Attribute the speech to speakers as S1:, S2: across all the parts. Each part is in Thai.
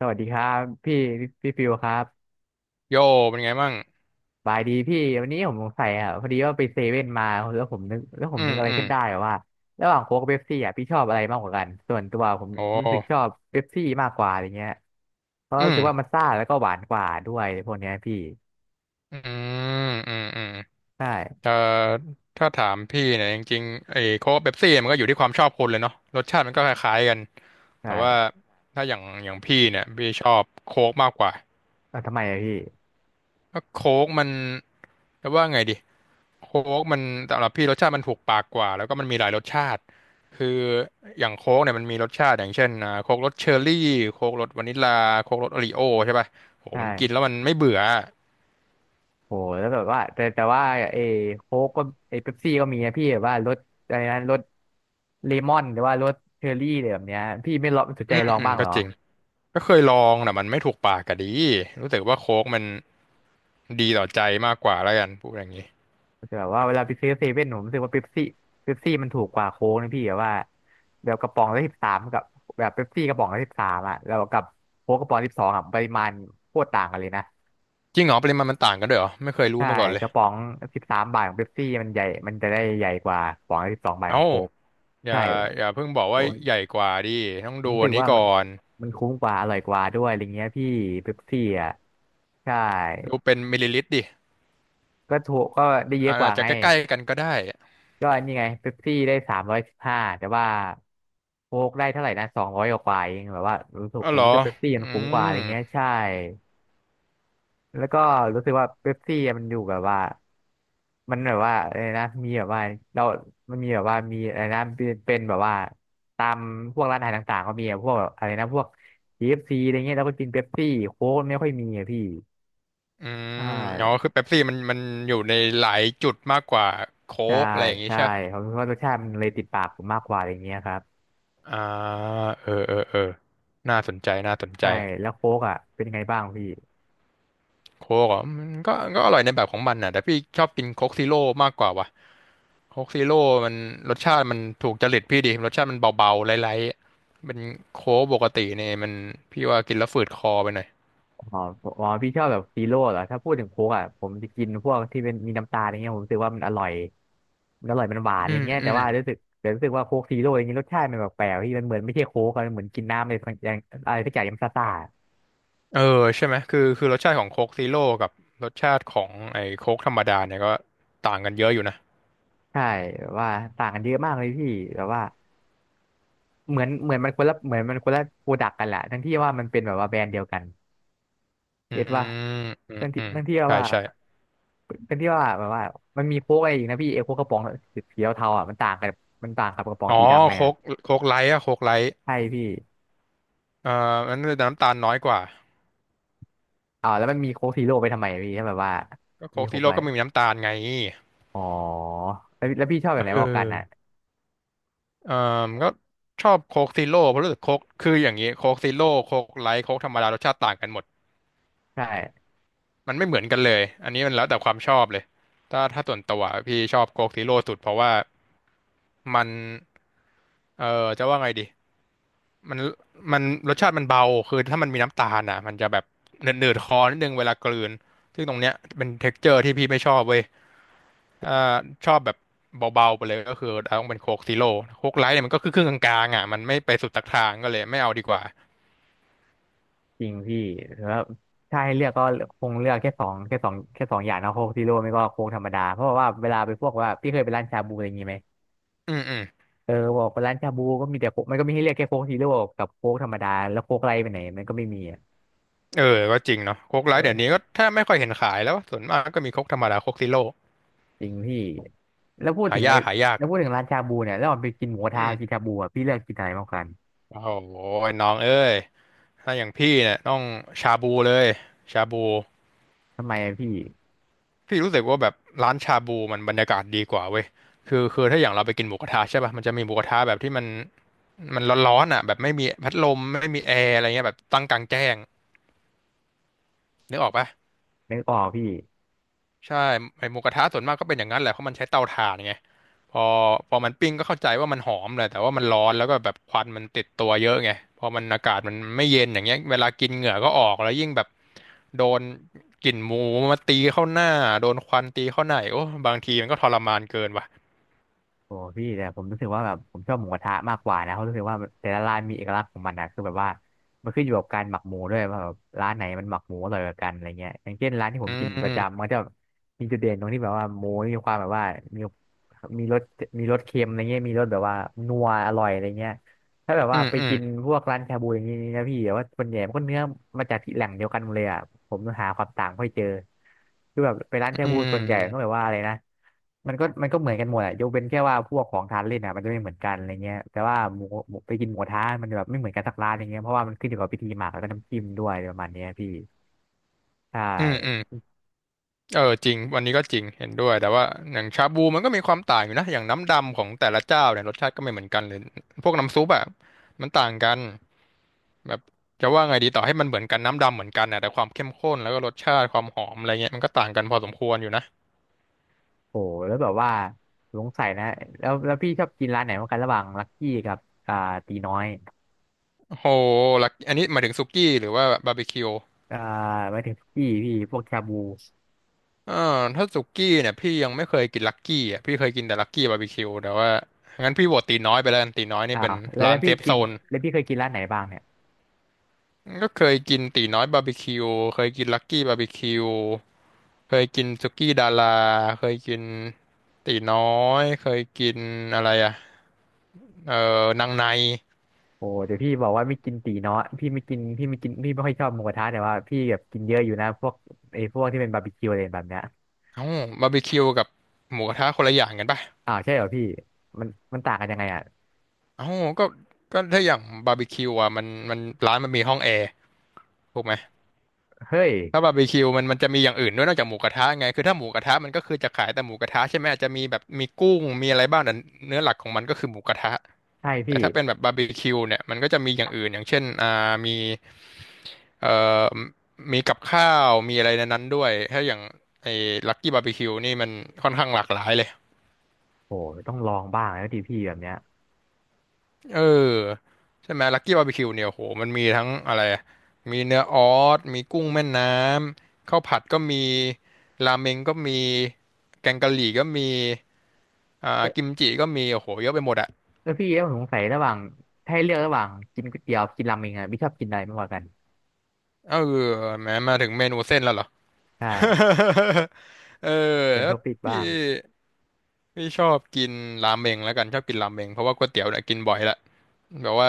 S1: สวัสดีครับพี่พี่ฟิวครับ
S2: โยเป็นไงบ้าง
S1: บายดีพี่วันนี้ผมสงสัยอ่ะพอดีว่าไปเซเว่นมาแล้วผมนึกแล้วผ
S2: อื
S1: มนึ
S2: ม
S1: กอะไร
S2: อืม
S1: ขึ้นได้ว่าระหว่างโค้กกับเป๊ปซี่อ่ะพี่ชอบอะไรมากกว่ากันส่วนตัวผม
S2: โอ
S1: รู้สึกชอ
S2: ้
S1: บเป๊ปซี่มากกว่าอะไรเงี้ยเพราะ
S2: อื
S1: รู้
S2: ม
S1: สึกว่ามันซ่าแล้วก็หวานกว่าด้วยพวกเนี้ยพี่
S2: อืมอืมอืม
S1: ใช่
S2: เอ่อถ้าถามพี่เนี่ยจริงๆไอ้โค้กเป๊ปซี่มันก็อยู่ที่ความชอบคนเลยเนาะรสชาติมันก็คล้ายๆกันแต่
S1: ใช่
S2: ว่าถ้าอย่างพี่เนี่ยพี่ชอบโค้กมากกว่า
S1: เอ้าทำไมอะพี่
S2: เพราะโค้กมันจะว่าไงดีโค้กมันสำหรับพี่รสชาติมันถูกปากกว่าแล้วก็มันมีหลายรสชาติคืออย่างโค้กเนี่ยมันมีรสชาติอย่างเช่นโค้กรสเชอร์รี่โค้กรสวานิลลาโค้กรสโอรีโอใช่ป่ะโหมันกินแล้
S1: ใช่
S2: วมันไม่เบื่อ
S1: โหแล้วแบบว่าแต่ว่าเอโค้กก็เอเป๊ปซี่ก็มีนะพี่แบบว่ารสอะไรนะรสเลมอนหรือว่ารสเชอร์รี่อะไรแบบเนี้ยพี่ไม่ลองสนใจ
S2: อืม
S1: ลอง
S2: อืม
S1: บ้างเห
S2: ก็
S1: รอ
S2: จริงก็เคยลองแต่มันไม่ถูกปากกะดีรู้สึกว่าโค้กมันดีต่อใจมากกว่าแล้วกันพูดอย่างนี้
S1: แต่แบบว่าเวลาไปซื้อเซเว่นผมรู้สึกว่าเป๊ปซี่มันถูกกว่าโค้กนะพี่แบบว่าแบบกระป๋องละสิบสามกับแบบเป๊ปซี่กระป๋องละสิบสามอ่ะแล้วกับโค้กกระป๋องสิบสองอ่ะปริมาณโคตรต่างกันเลยนะ
S2: จริงเหรอปริมาณมันต่างกันด้วยเหรอไม่เคยรู้
S1: ใช่
S2: มาก่อนเล
S1: ก
S2: ย
S1: ระป๋องสิบสามบาทของเป๊ปซี่มันใหญ่มันจะได้ใหญ่กว่ากระป๋องละสิบสองบาทขอ
S2: เอ้า
S1: งโค้ก
S2: อ
S1: ใช่
S2: ย่าอย่าเพิ่งบอกว่าใหญ่กว่าดิต้อง
S1: ผม
S2: ดู
S1: รู้
S2: อั
S1: สึ
S2: น
S1: ก
S2: นี้
S1: ว่า
S2: ก่
S1: มัน
S2: อน
S1: มันคุ้มกว่าอร่อยกว่าด้วยอะไรเงี้ยพี่เป๊ปซี่อ่ะใช่
S2: ดูเป็นมิลลิลิตรดิ
S1: ก็ถูกก็ได้เยอะ
S2: อา
S1: กว่า
S2: อาจจะ
S1: ไง
S2: ใกล้ๆกันก็ได้
S1: ก็นี่ไงเป๊ปซี่ได้สามร้อยสิบห้าแต่ว่าโค้กได้เท่าไหร่นะสองร้อยกว่าเองแบบว่ารู้สึก
S2: อ๋อ
S1: ผ
S2: เห
S1: ม
S2: รอ
S1: รู้สึกเป๊ปซี่
S2: อื
S1: มันคุ้มกว่าอะ
S2: ม
S1: ไรเงี้ยใช่แล้วก็รู้สึกว่าเป๊ปซี่มันอยู่แบบว่ามันแบบว่าอะไรนะมีแบบว่าเรามันมีแบบว่ามีอะไรนะเป็นแบบว่าตามพวกร้านอาหารต่างๆก็มีอะพวกแบบอะไรนะพวก KFC อฟซีอะไรเงี้ยแล้วก็กินเป๊ปซี่โค้กไม่ค่อยมีอะพี่
S2: อืม
S1: ใช่
S2: อ๋อคือเป๊ปซี่มันอยู่ในหลายจุดมากกว่าโค้
S1: ใช่
S2: กอะไรอย่างนี้
S1: ใช่
S2: ใช่ปะ
S1: ผมคิดว่ารสชาติมันเลยติดปากผมมากกว่าอะไรเงี้ยครับ
S2: อ่าเออเออเออน่าสนใจน่าสนใจ
S1: ใช่แล้วโค้กอ่ะเป็นไงบ้างพี่
S2: โค้กอ่ะมันก็อร่อยในแบบของมันน่ะแต่พี่ชอบกินโค้กซีโร่มากกว่าว่ะโค้กซีโร่มันรสชาติมันถูกจริตพี่ดี รสชาติมันเบาๆไร้ๆเป็นโค้กปกติเนี่ยมันพี่ว่ากินแล้วฝืดคอไปหน่อย
S1: อ๋ออ๋อพี่ชอบแบบซีโร่เหรอถ้าพูดถึงโค้กอ่ะผมจะกินพวกที่เป็นมีน้ำตาลอะไรเงี้ยผมรู้สึกว่ามันอร่อยมันหวานอะ
S2: อื
S1: ไร
S2: ม
S1: เงี้ย
S2: อื
S1: แต่
S2: ม
S1: ว่ารู้สึกว่าโค้กซีโร่อย่างนี้รสชาติมันแปลกๆพี่มันเหมือนไม่ใช่โค้กอะมันเหมือนกินน้ำอะไรสักอย่างอะไรสักอย่างยำซ่าซ่า
S2: เออใช่ไหมคือรสชาติของโค้กซีโร่กับรสชาติของไอ้โค้กธรรมดาเนี่ยก็ต่างกันเยอะอยู่นะ
S1: ใช่แบบว่าต่างกันเยอะมากเลยพี่แบบว่าเหมือนเหมือนมันคนละเหมือนมันคนละโปรดักกันแหละทั้งที่ว่ามันเป็นแบบว่าแบรนด์เดียวกัน
S2: อื
S1: เก็
S2: ม
S1: ตป่ะ
S2: อืม
S1: เรื่อง
S2: อื
S1: ที่
S2: ม
S1: เรื่องที่
S2: ใช่
S1: ว่า
S2: ใช่
S1: เป็นที่ว่าแบบว่ามันมีโค้กอะไรอีกนะพี่เอโค้กกระป๋องสีเทาๆอ่ะมันต่างกับกระป๋อง
S2: อ๋อ
S1: สีดำไง
S2: โค้
S1: อ่ะ
S2: กโค้กไลท์อะโค้กไลท์
S1: ใช่พี่
S2: เอ่อมันจะน้ำตาลน้อยกว่า
S1: อ่าแล้วมันมีโค้กซีโร่ไปทำไมพี่ถ้าแบบว่า
S2: ก็
S1: มี
S2: โค้ก
S1: โค้
S2: ซี
S1: ก
S2: โร่
S1: ไว้
S2: ก็ไม่มีน้ำตาลไง
S1: อ๋อแล้วพี่ชอบแบบไหน
S2: เอ
S1: มากกว่ากันอ่ะ
S2: อ เอ่อก็ชอบโค้กซีโร่เพราะรู้สึกโค้กคืออย่างนี้โค้กซีโร่โค้กไลท์โค้กธรรมดารสชาติต่างกันหมด
S1: ใช่
S2: มันไม่เหมือนกันเลยอันนี้มันแล้วแต่ความชอบเลยถ้าส่วนตัวพี่ชอบโค้กซีโร่สุดเพราะว่ามันเอ่อจะว่าไงดีมันมันรสชาติมันเบาคือถ้ามันมีน้ำตาลอ่ะมันจะแบบเหนืดๆคอนิดนึงเวลากลืนซึ่งตรงเนี้ยเป็นเท็กเจอร์ที่พี่ไม่ชอบเว้ยอ่าชอบแบบเบาๆไปเลยก็คือต้องเป็นโค้กซีโร่โค้กไลท์เนี่ยมันก็คือครึ่งกลางๆอ่ะมันไม่ไปสุดตักทางก็เลยไม่เอาดีกว่า
S1: จริงพี่แล้วถ้าให้เลือกก็คงเลือกแค่สองอย่างนะโค้กซีโร่ไม่ก็โค้กธรรมดาเพราะว่าเวลาไปพวกว่าพี่เคยไปร้านชาบูอะไรอย่างงี้ไหม
S2: อืมอืม
S1: เออบอกไปร้านชาบูก็มีแต่โค้กมันก็มีให้เรียกแค่โค้กฮีโร่กับโค้กธรรมดาแล้วโค้กไรไปไหนมันก็ไม่มีอ่ะ
S2: เออก็จริงเนาะโค้กไล
S1: เอ
S2: ท์เดี๋ยวนี้
S1: อ
S2: ก็แทบไม่ค่อยเห็นขายแล้วส่วนมากก็มีโค้กธรรมดาโค้กซีโร่
S1: จริงพี่แล้วพูด
S2: หา
S1: ถึง
S2: ยา
S1: ไอ้
S2: กหายาก
S1: แล้วพูดถึงร้านชาบูเนี่ยแล้วออมไปกินหมูกระ
S2: อื
S1: ทะ
S2: ม
S1: กินชาบูอ่ะพี่เลือกกินอะไรมากกว่ากัน
S2: โอ้โหน้องเอ้ยถ้าอย่างพี่เนี่ยต้องชาบูเลยชาบู
S1: ทำไมอะพี่
S2: พี่รู้สึกว่าแบบร้านชาบูมันบรรยากาศดีกว่าเว้ยคือถ้าอย่างเราไปกินหมูกระทะใช่ป่ะมันจะมีหมูกระทะแบบที่มันมันร้อนๆอ่ะแบบไม่มีพัดลมไม่มีแอร์อะไรเงี้ยแบบตั้งกลางแจ้งนึกออกป่ะ
S1: นึกออกพี่
S2: ใช่ไอหมูกระทะส่วนมากก็เป็นอย่างนั้นแหละเพราะมันใช้เตาถ่านไง พอพอมันปิ้งก็เข้าใจว่ามันหอมแหละแต่ว่ามันร้อนแล้วก็แบบควันมันติดตัวเยอะไงพอมันอากาศมันไม่เย็นอย่างเงี้ยเวลากินเหงื่อก็ออกแล้วยิ่งแบบโดนกลิ่นหมูมาตีเข้าหน้าโดนควันตีเข้าหน้าอีกโอ้บางทีมันก็ทรมานเกินว่ะ
S1: โอ้พี่แต่ผมรู้สึกว่าแบบผมชอบหมูกระทะมากกว่านะเพราะรู้สึกว่าแต่ละร้านมีเอกลักษณ์ของมันนะคือแบบว่ามันขึ้นอยู่กับการหมักหมูด้วยว่าแบบร้านไหนมันหมักหมูอร่อยกว่ากันอะไรเงี้ยอย่างเช่นร้านที่ผ
S2: อื
S1: มกินประจำ
S2: ม
S1: มันจะมีจุดเด่นตรงที่แบบว่าหมูมีความแบบว่ามีมีรสมีรสเค็มอะไรเงี้ยมีรสแบบว่านัวอร่อยอะไรเงี้ย ถ้าแบบ
S2: อื
S1: ว่า
S2: ม
S1: ไป
S2: อืม
S1: กินพวกร้านชาบูอย่างนี้นะพี่แบบว่าส่วนใหญ่มันก็เนื้อมาจากที่แหล่งเดียวกันหมดเลยอ่ะผมหาความต่างไม่ค่อยเจอคือแบบไปร้านชา
S2: อื
S1: บูส่วนใหญ่ก็แบ
S2: ม
S1: บว่าอะไรนะมันก็เหมือนกันหมดอ่ะยกเว้นแค่ว่าพวกของทานเล่นอ่ะมันจะไม่เหมือนกันอะไรเงี้ยแต่ว่าหมูไปกินหมูกระทะมันจะแบบไม่เหมือนกันสักร้านอะไรเงี้ยเพราะว่ามันขึ้นอยู่กับพิธีหมักแล้วก็น้ำจิ้มด้วยประมาณเนี้ยพี่ใช่
S2: อืมอืมเออจริงวันนี้ก็จริงเห็นด้วยแต่ว่าอย่างชาบูมันก็มีความต่างอยู่นะอย่างน้ำดำของแต่ละเจ้าเนี่ยรสชาติก็ไม่เหมือนกันเลยพวกน้ำซุปอะมันต่างกัน แบบจะว่าไงดีต่อให้มันเหมือนกันน้ำดำเหมือนกันนะแต่ความเข้มข้นแล้วก็รสชาติความหอมอะไรเงี้ยมันก็ต่างกันพอสมควรอยู่นะ
S1: โอ้แล้วแบบว่าสงสัยนะแล้วพี่ชอบกินร้านไหนมากกันระหว่างลักกี้กับอ่าตีน้อย
S2: โอ้โหลักอันนี้หมายถึงสุกี้หรือว่าบาร์บีคิว
S1: อ่าหมายถึงพี่พวกชาบู
S2: อ่าถ้าสุกี้เนี่ยพี่ยังไม่เคยกินลักกี้อ่ะพี่เคยกินแต่ลักกี้บาร์บีคิวแต่ว่างั้นพี่โหวตตีน้อยไปแล้วกันตีน้อยนี่
S1: อ้า
S2: เป็
S1: ว
S2: น
S1: แล้ว
S2: ร้า
S1: แล้ว
S2: นเซ
S1: พี่
S2: ฟ
S1: เกิ
S2: โซ
S1: น
S2: น
S1: แล้วพี่เคยกินร้านไหนบ้างเนี่ย
S2: ก็เคยกินตีน้อยบาร์บีคิวเคยกินลักกี้บาร์บีคิวเคยกินสุกี้ดาราเคยกินตีน้อยเคยกินอะไรอ่ะเออนางใน
S1: โอ้เดี๋ยวพี่บอกว่าไม่กินตีเนาะพี่ไม่กินพี่ไม่กินพี่ไม่ค่อยชอบหมูกระทะแต่ว่าพี่แบบกินเยอะอยู่นะพวกไอ้พวกที่เป็นบาร์บีคิวอะไรแบบเนี้ย
S2: เอ้าบาร์บีคิวกับหมูกระทะคนละอย่างกันป่ะ
S1: อ้าวใช่เหรอพี่มันมันต่างกันยังไงอ่ะ
S2: เอ้าก็ก็ถ้าอย่างบาร์บีคิวอ่ะมันร้านมันมีห้องแอร์ถูกไหม
S1: เฮ้ย
S2: ถ้าบาร์บีคิวมันจะมีอย่างอื่นด้วยนอกจากหมูกระทะไงคือถ้าหมูกระทะมันก็คือจะขายแต่หมูกระทะใช่ไหมอาจจะมีแบบมีกุ้งมีอะไรบ้างแต่เนื้อหลักของมันก็คือหมูกระทะ
S1: ใช่
S2: แต่
S1: พี่
S2: ถ้าเป็นแบบบาร์บีคิวเนี่ยมันก็จะมีอย่างอื่นอย่างเช่นมีเอ่อมีกับข้าวมีอะไรในนั้นด้วยถ้าอย่างไอ้ลักกี้บาร์บีคิวนี่มันค่อนข้างหลากหลายเลย
S1: โอ้ต้องลองบ้างแล้วดิพี่แบบเนี้ย
S2: เออใช่ไหมลักกี้บาร์บีคิวเนี่ยโหมันมีทั้งอะไรมีเนื้อออสมีกุ้งแม่น้ำข้าวผัดก็มีราเมงก็มีแกงกะหรี่ก็มีอ่า
S1: เอ
S2: กิม
S1: อ
S2: จิก็มีโอ้โหเยอะไปหมดอะ
S1: เออพี่แล้วผมสงสัยระหว่างถ้าให้เลือกระหว่างกินก๋วยเตี๋ยวกินราเมงอะพี่ชอบกินอะไรมากกว่ากัน
S2: เออแหม้มาถึงเมนูเส้นแล้วเหรอ
S1: ใช่
S2: เออ
S1: เป็น
S2: แล้
S1: ท็
S2: ว
S1: อปิก
S2: พี่
S1: บ้าง
S2: พี่ชอบกินราเมงแล้วกันชอบกินราเมงเพราะว่าก๋วยเตี๋ยวเนี่ยกินบ่อยละแบบว่า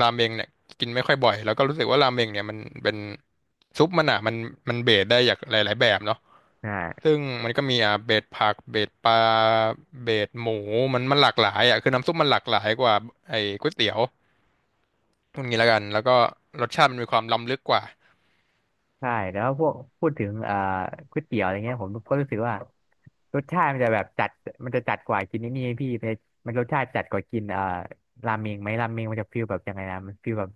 S2: ราเมงเนี่ยกินไม่ค่อยบ่อยแล้วก็รู้สึกว่าราเมงเนี่ยมันเป็นซุปมันอ่ะมันเบสได้อย่างหลายๆแบบเนาะ
S1: ใช่
S2: ซึ่งมันก็มีอ่ะเบสผักเบสปลาเบสหมูมันหลากหลายอ่ะคือน้ำซุปมันหลากหลายกว่าไอ้ก๋วยเตี๋ยวตรงนี้แล้วกันแล้วก็รสชาติมันมีความล้ำลึกกว่า
S1: ใช่แล้วพวกพูดถึงก๋วยเตี๋ยวอะไรเงี้ยผมก็รู้สึกว่า รสชาติมันจะแบบจัดมันจะจัดกว่ากินนี่นี่ไงพี่มันมันรสชาติจัดกว่ากินราเมงไหมราเมงมันจะฟีลแบบยังไงนะมันฟีลแบบ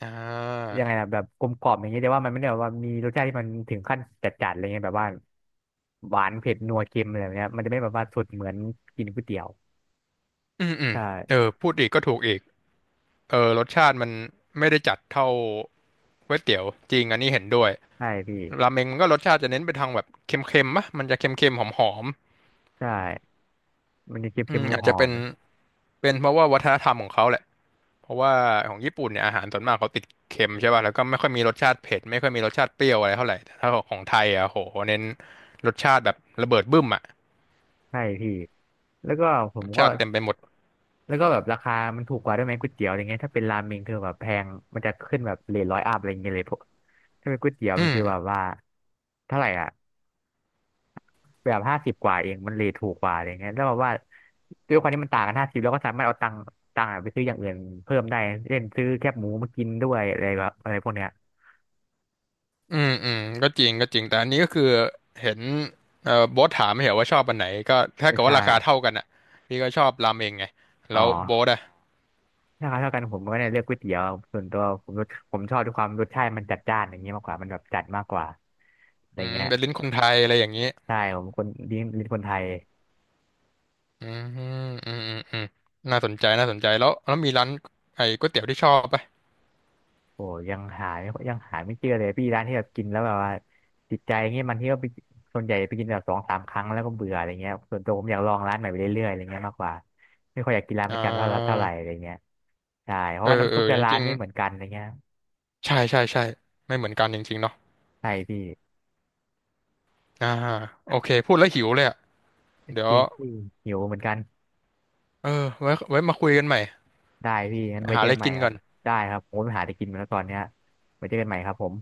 S2: อ่า
S1: ยังไงนะแบบกลมกล่อมอย่างเงี้ยแต่ว่ามันไม่ได้แบบว่ามีรสชาติที่มันถึงขั้นจัดๆอะไรเงี้ยแบบว่าหวานเผ็ดนัวเค็มอะไรแบบเนี้ยมันจะไม่แบบว่าสุดเหมือนกินก๋วยเตี๋ยว
S2: อืมอืม
S1: ใช่
S2: เออพูดอีกก็ถูกอีกเออรสชาติมันไม่ได้จัดเท่าก๋วยเตี๋ยวจริงอันนี้เห็นด้วย
S1: ใช่พี่
S2: ราเมงมันก็รสชาติจะเน้นไปทางแบบเค็มๆมะมันจะเค็มๆหอม
S1: ใช่มันจะ
S2: ๆอื
S1: เค็ม
S2: มอา
S1: ๆห
S2: จจะ
S1: อ
S2: เป็
S1: ม
S2: นเป็นเพราะว่าวัฒนธรรมของเขาแหละเพราะว่าของญี่ปุ่นเนี่ยอาหารส่วนมากเขาติดเค็มใช่ป่ะแล้วก็ไม่ค่อยมีรสชาติเผ็ดไม่ค่อยมีรสชาติเปรี้ยวอะไรเท่าไหร่แต่ถ้าของไทยอ่ะโหเน้นรสชาติแบบระเบิดบึ้มอ่ะ
S1: ๆใช่พี่แล้วก็ผ
S2: ร
S1: ม
S2: ส
S1: ก็
S2: ชาติเต็มไปหมด
S1: แล้วก็แบบราคามันถูกกว่าด้วยไหมก๋วยเตี๋ยวอะไรเงี้ยถ้าเป็นราเมงคือแบบแพงมันจะขึ้นแบบเรท100 อัพอะไรเงี้ยเลยพวกถ้าเป็นก๋วยเตี๋ยว
S2: อื
S1: มันคือแบบ
S2: ม
S1: ว่าเท่าไหร่อ่ะแบบ50 กว่าเองมันเรทถูกกว่าอะไรเงี้ยแล้วแบบว่าด้วยความที่มันต่างกันห้าสิบเราก็สามารถเอาตังค์ตังค์อะไปซื้ออย่างอื่นเพิ่มได้เช่นซื้อแคบหมูมากินด้วยอะไรแบบอะไรพวกเนี้ย
S2: อืมอืมก็จริงก็จริงแต่อันนี้ก็คือเห็นโบ๊ทถามไม่เหรอว่าชอบอันไหนก็ถ้า
S1: ไม่
S2: เกิดว่า
S1: ใช่
S2: ราคาเท่ากันอ่ะพี่ก็ชอบราเมงไง
S1: อ๋อ
S2: แล้วโบ๊ทอ่ะ
S1: ถ้าเท่ากันผมก็เนี่ยเลือกก๋วยเตี๋ยวส่วนตัวผมชอบด้วยความรสชาติมันจัดจ้านอย่างเงี้ยมากกว่ามันแบบจัดมากกว่าอะไร
S2: อืม
S1: เงี้ย
S2: เป็นลิ้นคนไทยอะไรอย่างนี้
S1: ใช่ผมคนดีเป็นคนไทย
S2: อืมอืมอืมอืมน่าสนใจ น่าสนใจแล้ว แล้วมีร้านไอ้ก๋วยเตี๋ยวที่ชอบปะ
S1: โอ้ยังหาไม่เจอเลยพี่ร้านที่แบบกินแล้วแบบว่าติดใจเงี้ยบาทีก็ไปส่วนใหญ่ไปกินแบบสองสามครั้งแล้วก็เบื่ออะไรเงี้ยส่วนตัวผมอยากลองร้านใหม่ไปเรื่อยๆอะไรเงี้ยมากกว่าไม่ค่อยอยากกินร้านป
S2: อ่
S1: ระจำเท่าเท่าไห
S2: า
S1: ร่อะไรเงี้ยใช่เพ
S2: เอ
S1: ราะ
S2: อ
S1: ว่าน้ำ
S2: เอ
S1: ซุ
S2: อ
S1: ปแต่
S2: จ
S1: ร้าน
S2: ริง
S1: ไม่เหมือนกันอะไรเงี้ย
S2: ๆใช่ ใช่ ใช่ ไม่เหมือนกันจริงๆเนาะ
S1: ใช่พี่
S2: อ่าโอเค พูดแล้วหิวเลยอ่ะ เดี๋ย
S1: จ
S2: ว
S1: ริงพี่หิวเหมือนกัน
S2: เออ ไว้มาคุยกันใหม่
S1: ได้พี่งั้
S2: ไป
S1: นไว้
S2: หา
S1: เจอ
S2: อะไร
S1: กันใหม่
S2: กิน
S1: ค
S2: ก่
S1: รั
S2: อ
S1: บ
S2: น
S1: ได้ครับผมไปหาอะไรกินมาแล้วตอนเนี้ยไว้เจอกันใหม่ครับผม